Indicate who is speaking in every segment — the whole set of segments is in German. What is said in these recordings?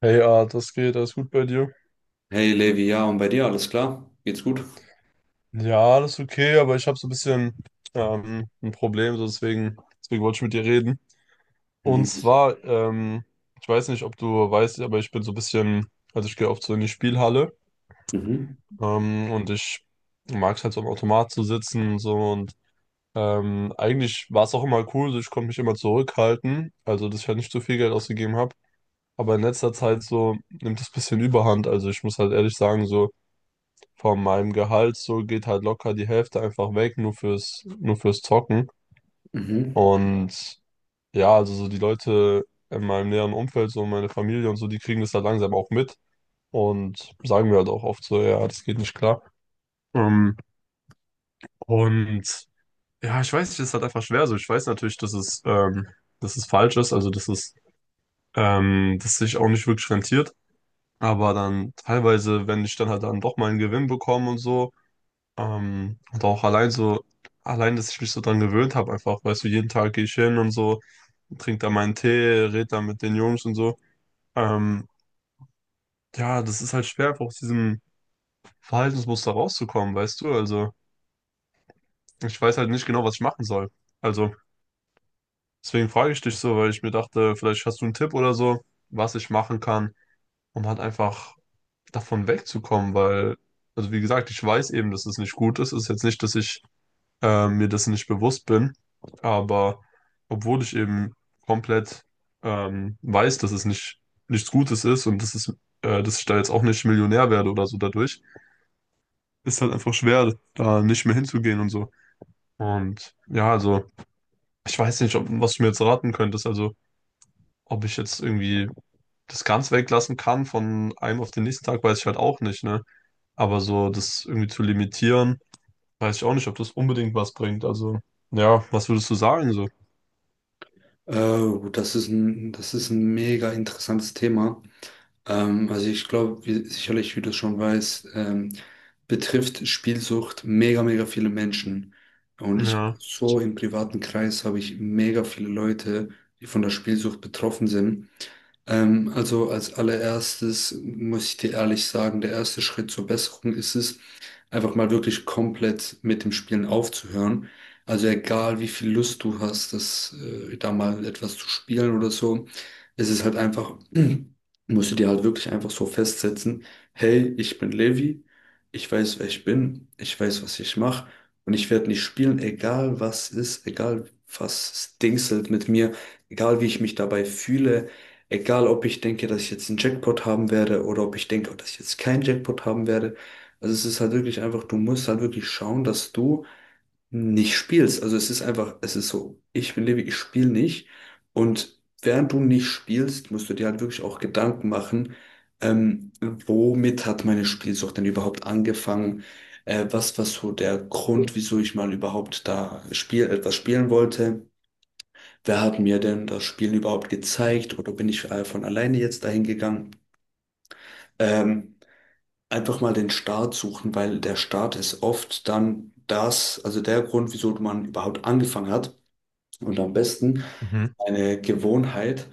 Speaker 1: Hey, das geht, alles gut bei dir?
Speaker 2: Hey Levi, ja, und bei dir alles klar? Geht's gut?
Speaker 1: Ja, alles okay, aber ich habe so ein bisschen ein Problem, so deswegen wollte ich mit dir reden. Und
Speaker 2: Mhm.
Speaker 1: zwar, ich weiß nicht, ob du weißt, aber ich bin so ein bisschen, also ich gehe oft so in die Spielhalle,
Speaker 2: Mhm.
Speaker 1: und ich mag es halt so am Automat zu sitzen und so, und eigentlich war es auch immer cool, so ich konnte mich immer zurückhalten, also dass ich halt nicht zu viel Geld ausgegeben habe. Aber in letzter Zeit so nimmt es ein bisschen Überhand, also ich muss halt ehrlich sagen, so von meinem Gehalt so geht halt locker die Hälfte einfach weg, nur fürs Zocken.
Speaker 2: Mhm.
Speaker 1: Und ja, also so die Leute in meinem näheren Umfeld, so meine Familie und so, die kriegen das halt langsam auch mit und sagen mir halt auch oft so, ja, das geht nicht klar. Ähm, und ja, ich weiß nicht, es ist halt einfach schwer so. Ich weiß natürlich, dass es falsch ist, dass sich auch nicht wirklich rentiert. Aber dann teilweise, wenn ich dann halt dann doch mal einen Gewinn bekomme und so. Und auch allein so, allein, dass ich mich so dran gewöhnt habe, einfach, weißt du, jeden Tag gehe ich hin und so, trinke da meinen Tee, rede da mit den Jungs und so. Ähm, ja, das ist halt schwer, einfach aus diesem Verhaltensmuster rauszukommen, weißt du? Also, ich weiß halt nicht genau, was ich machen soll. Also, deswegen frage ich dich so, weil ich mir dachte, vielleicht hast du einen Tipp oder so, was ich machen kann, um halt einfach davon wegzukommen, weil, also wie gesagt, ich weiß eben, dass es nicht gut ist. Es ist jetzt nicht, dass ich mir dessen nicht bewusst bin. Aber obwohl ich eben komplett weiß, dass es nicht, nichts Gutes ist und dass es, dass ich da jetzt auch nicht Millionär werde oder so dadurch, ist halt einfach schwer, da nicht mehr hinzugehen und so. Und ja, also ich weiß nicht, ob, was du mir jetzt raten könntest. Also ob ich jetzt irgendwie das ganz weglassen kann von einem auf den nächsten Tag, weiß ich halt auch nicht, ne? Aber so das irgendwie zu limitieren, weiß ich auch nicht, ob das unbedingt was bringt. Also ja, was würdest du sagen so?
Speaker 2: Oh, das ist ein mega interessantes Thema. Also ich glaube, wie, sicherlich, wie du schon weißt, betrifft Spielsucht mega, mega viele Menschen. Und ich hab
Speaker 1: Ja.
Speaker 2: so im privaten Kreis habe ich mega viele Leute, die von der Spielsucht betroffen sind. Also als allererstes muss ich dir ehrlich sagen, der erste Schritt zur Besserung ist es, einfach mal wirklich komplett mit dem Spielen aufzuhören. Also egal, wie viel Lust du hast, das, da mal etwas zu spielen oder so, es ist halt einfach, musst du dir halt wirklich einfach so festsetzen, hey, ich bin Levi, ich weiß, wer ich bin, ich weiß, was ich mache und ich werde nicht spielen, egal was ist, egal was es dingselt mit mir, egal wie ich mich dabei fühle. Egal, ob ich denke, dass ich jetzt einen Jackpot haben werde oder ob ich denke, dass ich jetzt keinen Jackpot haben werde, also es ist halt wirklich einfach, du musst halt wirklich schauen, dass du nicht spielst. Also es ist einfach, es ist so, ich bin Levi, ich spiele nicht. Und während du nicht spielst, musst du dir halt wirklich auch Gedanken machen, ähm, womit hat meine Spielsucht denn überhaupt angefangen? Was war so der Grund, wieso ich mal überhaupt da spiel, etwas spielen wollte? Wer hat mir denn das Spielen überhaupt gezeigt? Oder bin ich von alleine jetzt dahin gegangen? Ähm, einfach mal den Start suchen, weil der Start ist oft dann das, also der Grund, wieso man überhaupt angefangen hat. Und am besten
Speaker 1: Mhm.
Speaker 2: eine Gewohnheit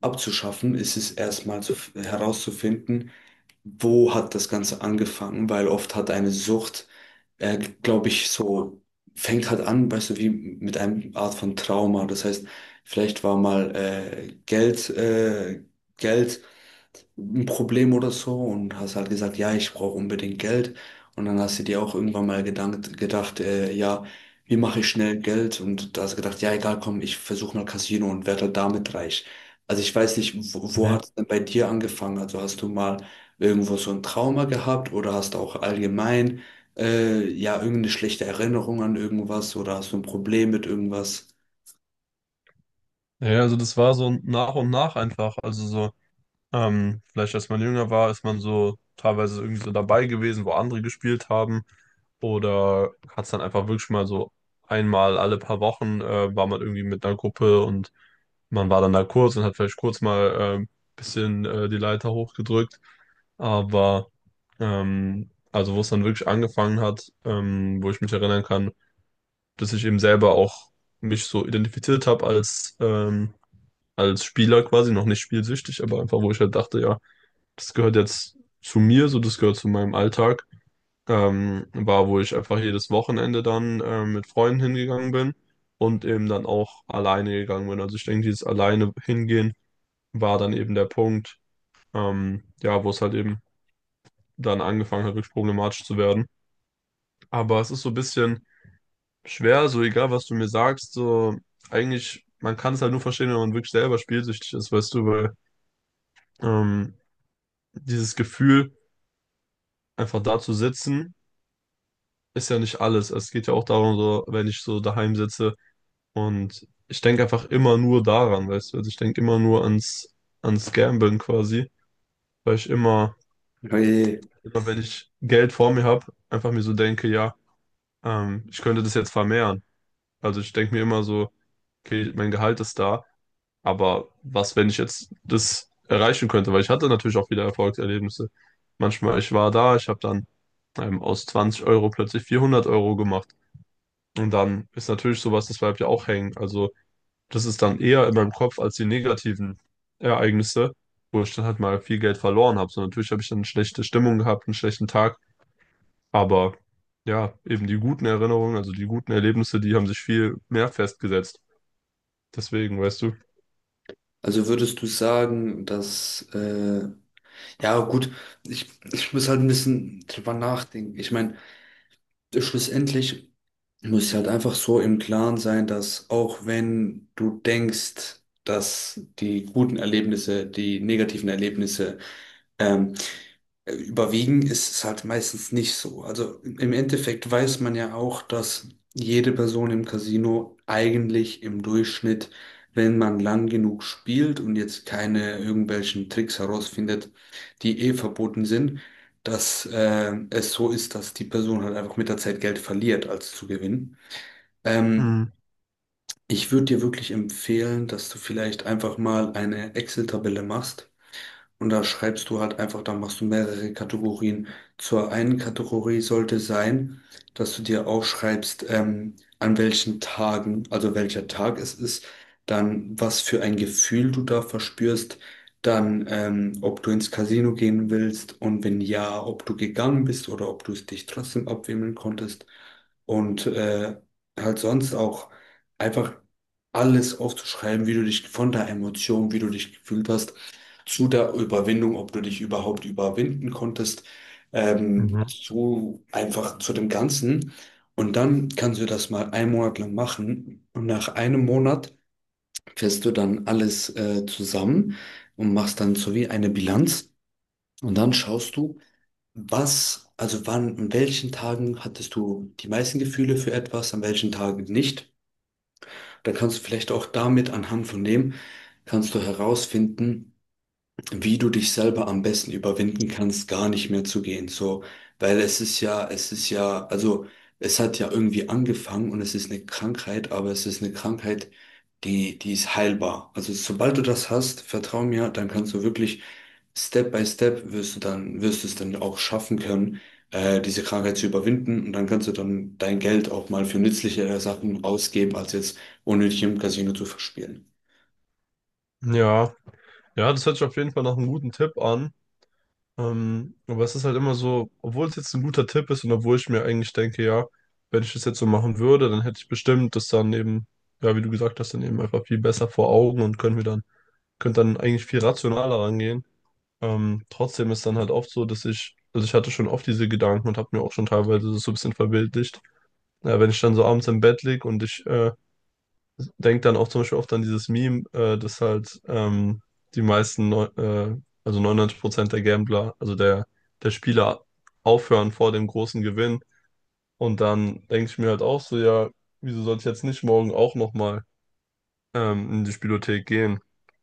Speaker 2: abzuschaffen, ist es erstmal zu, herauszufinden, wo hat das Ganze angefangen, weil oft hat eine Sucht, glaube ich, so fängt halt an, weißt du, wie mit einer Art von Trauma. Das heißt, vielleicht war mal Geld, Geld ein Problem oder so und hast halt gesagt, ja, ich brauche unbedingt Geld. Und dann hast du dir auch irgendwann mal gedacht, ja, wie mache ich schnell Geld? Und da hast du gedacht, ja, egal, komm, ich versuche mal Casino und werde halt damit reich. Also ich weiß nicht, wo, wo
Speaker 1: Mhm.
Speaker 2: hat es denn bei dir angefangen? Also hast du mal irgendwo so ein Trauma gehabt oder hast du auch allgemein ja irgendeine schlechte Erinnerung an irgendwas oder hast du ein Problem mit irgendwas?
Speaker 1: Ja, also das war so nach und nach einfach. Also so, vielleicht als man jünger war, ist man so teilweise irgendwie so dabei gewesen, wo andere gespielt haben. Oder hat es dann einfach wirklich mal so einmal alle paar Wochen, war man irgendwie mit einer Gruppe und man war dann da kurz und hat vielleicht kurz mal ein bisschen die Leiter hochgedrückt. Aber also wo es dann wirklich angefangen hat, wo ich mich erinnern kann, dass ich eben selber auch mich so identifiziert habe als, als Spieler quasi, noch nicht spielsüchtig, aber einfach, wo ich halt dachte, ja, das gehört jetzt zu mir, so das gehört zu meinem Alltag. Wo ich einfach jedes Wochenende dann mit Freunden hingegangen bin und eben dann auch alleine gegangen bin. Also ich denke, dieses alleine hingehen war dann eben der Punkt, ja, wo es halt eben dann angefangen hat, wirklich problematisch zu werden. Aber es ist so ein bisschen schwer, so egal, was du mir sagst, so eigentlich, man kann es halt nur verstehen, wenn man wirklich selber spielsüchtig ist, weißt du, weil ähm, dieses Gefühl, einfach da zu sitzen, ist ja nicht alles. Es geht ja auch darum, so, wenn ich so daheim sitze und ich denke einfach immer nur daran, weißt du, also ich denke immer nur ans, ans Gamblen quasi, weil ich immer,
Speaker 2: Hey.
Speaker 1: immer wenn ich Geld vor mir habe, einfach mir so denke, ja, ich könnte das jetzt vermehren. Also ich denke mir immer so, okay, mein Gehalt ist da. Aber was, wenn ich jetzt das erreichen könnte? Weil ich hatte natürlich auch wieder Erfolgserlebnisse. Manchmal, ich war da, ich habe dann aus 20 Euro plötzlich 400 Euro gemacht. Und dann ist natürlich sowas, das bleibt ja auch hängen. Also das ist dann eher in meinem Kopf als die negativen Ereignisse, wo ich dann halt mal viel Geld verloren habe. So natürlich habe ich dann eine schlechte Stimmung gehabt, einen schlechten Tag. Aber ja, eben die guten Erinnerungen, also die guten Erlebnisse, die haben sich viel mehr festgesetzt. Deswegen, weißt du.
Speaker 2: Also würdest du sagen, dass ja, gut, ich muss halt ein bisschen drüber nachdenken. Ich meine, schlussendlich muss ich halt einfach so im Klaren sein, dass auch wenn du denkst, dass die guten Erlebnisse, die negativen Erlebnisse ähm, Überwiegen ist es halt meistens nicht so. Also im Endeffekt weiß man ja auch, dass jede Person im Casino eigentlich im Durchschnitt, wenn man lang genug spielt und jetzt keine irgendwelchen Tricks herausfindet, die eh verboten sind, dass es so ist, dass die Person halt einfach mit der Zeit Geld verliert, als zu gewinnen. Ähm,
Speaker 1: Mhm.
Speaker 2: ich würde dir wirklich empfehlen, dass du vielleicht einfach mal eine Excel-Tabelle machst und da schreibst du halt einfach, da machst du mehrere Kategorien. Zur einen Kategorie sollte sein, dass du dir aufschreibst, an welchen Tagen, also welcher Tag es ist, dann was für ein Gefühl du da verspürst, dann ob du ins Casino gehen willst und wenn ja, ob du gegangen bist oder ob du es dich trotzdem abwimmeln konntest. Und halt sonst auch einfach alles aufzuschreiben, wie du dich von der Emotion, wie du dich gefühlt hast zu der Überwindung, ob du dich überhaupt überwinden konntest,
Speaker 1: Mhm.
Speaker 2: so einfach zu dem Ganzen. Und dann kannst du das mal einen Monat lang machen. Und nach einem Monat fährst du dann alles zusammen und machst dann so wie eine Bilanz. Und dann schaust du, was, also wann, an welchen Tagen hattest du die meisten Gefühle für etwas, an welchen Tagen nicht. Dann kannst du vielleicht auch damit anhand von dem, kannst du herausfinden, wie du dich selber am besten überwinden kannst, gar nicht mehr zu gehen. So, weil es ist ja, also es hat ja irgendwie angefangen und es ist eine Krankheit, aber es ist eine Krankheit, die, die ist heilbar. Also sobald du das hast, vertrau mir, dann kannst du wirklich Step by Step wirst du dann, wirst du es dann auch schaffen können, diese Krankheit zu überwinden und dann kannst du dann dein Geld auch mal für nützlichere Sachen ausgeben, als jetzt unnötig im Casino zu verspielen.
Speaker 1: Ja. Ja, das hört sich auf jeden Fall nach einem guten Tipp an. Aber es ist halt immer so, obwohl es jetzt ein guter Tipp ist und obwohl ich mir eigentlich denke, ja, wenn ich das jetzt so machen würde, dann hätte ich bestimmt das dann eben, ja, wie du gesagt hast, dann eben einfach viel besser vor Augen und können wir dann, könnte dann eigentlich viel rationaler rangehen. Trotzdem ist dann halt oft so, dass ich, also ich hatte schon oft diese Gedanken und habe mir auch schon teilweise das so ein bisschen verbildlicht. Ja, wenn ich dann so abends im Bett lieg und ich denk dann auch zum Beispiel oft an dieses Meme, dass halt die meisten, neu- äh, also 99% der Gambler, der Spieler aufhören vor dem großen Gewinn. Und dann denke ich mir halt auch so, ja, wieso sollte ich jetzt nicht morgen auch nochmal in die Spielothek gehen?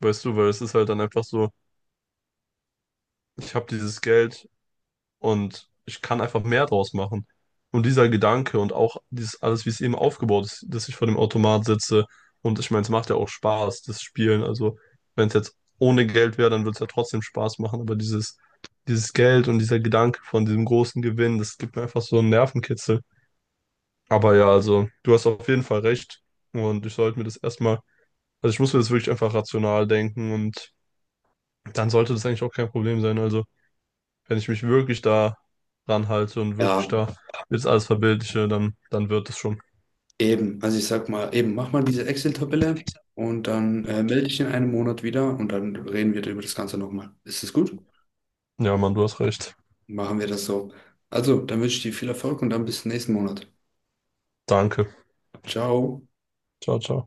Speaker 1: Weißt du, weil es ist halt dann einfach so, ich habe dieses Geld, und ich kann einfach mehr draus machen. Und dieser Gedanke und auch dieses alles, wie es eben aufgebaut ist, dass ich vor dem Automat sitze. Und ich meine, es macht ja auch Spaß, das Spielen. Also, wenn es jetzt ohne Geld wäre, dann würde es ja trotzdem Spaß machen. Aber dieses Geld und dieser Gedanke von diesem großen Gewinn, das gibt mir einfach so einen Nervenkitzel. Aber ja, also, du hast auf jeden Fall recht. Und ich sollte mir das erstmal, also ich muss mir das wirklich einfach rational denken und dann sollte das eigentlich auch kein Problem sein. Also wenn ich mich wirklich da ranhalte und wirklich
Speaker 2: Ja,
Speaker 1: da jetzt alles verbildliche, dann, dann wird es schon.
Speaker 2: eben. Also ich sag mal, eben, mach mal diese Excel-Tabelle und dann melde dich in einem Monat wieder und dann reden wir über das Ganze nochmal. Ist das gut?
Speaker 1: Ja, Mann, du hast recht.
Speaker 2: Machen wir das so. Also, dann wünsche ich dir viel Erfolg und dann bis nächsten Monat.
Speaker 1: Danke.
Speaker 2: Ciao.
Speaker 1: Ciao, ciao.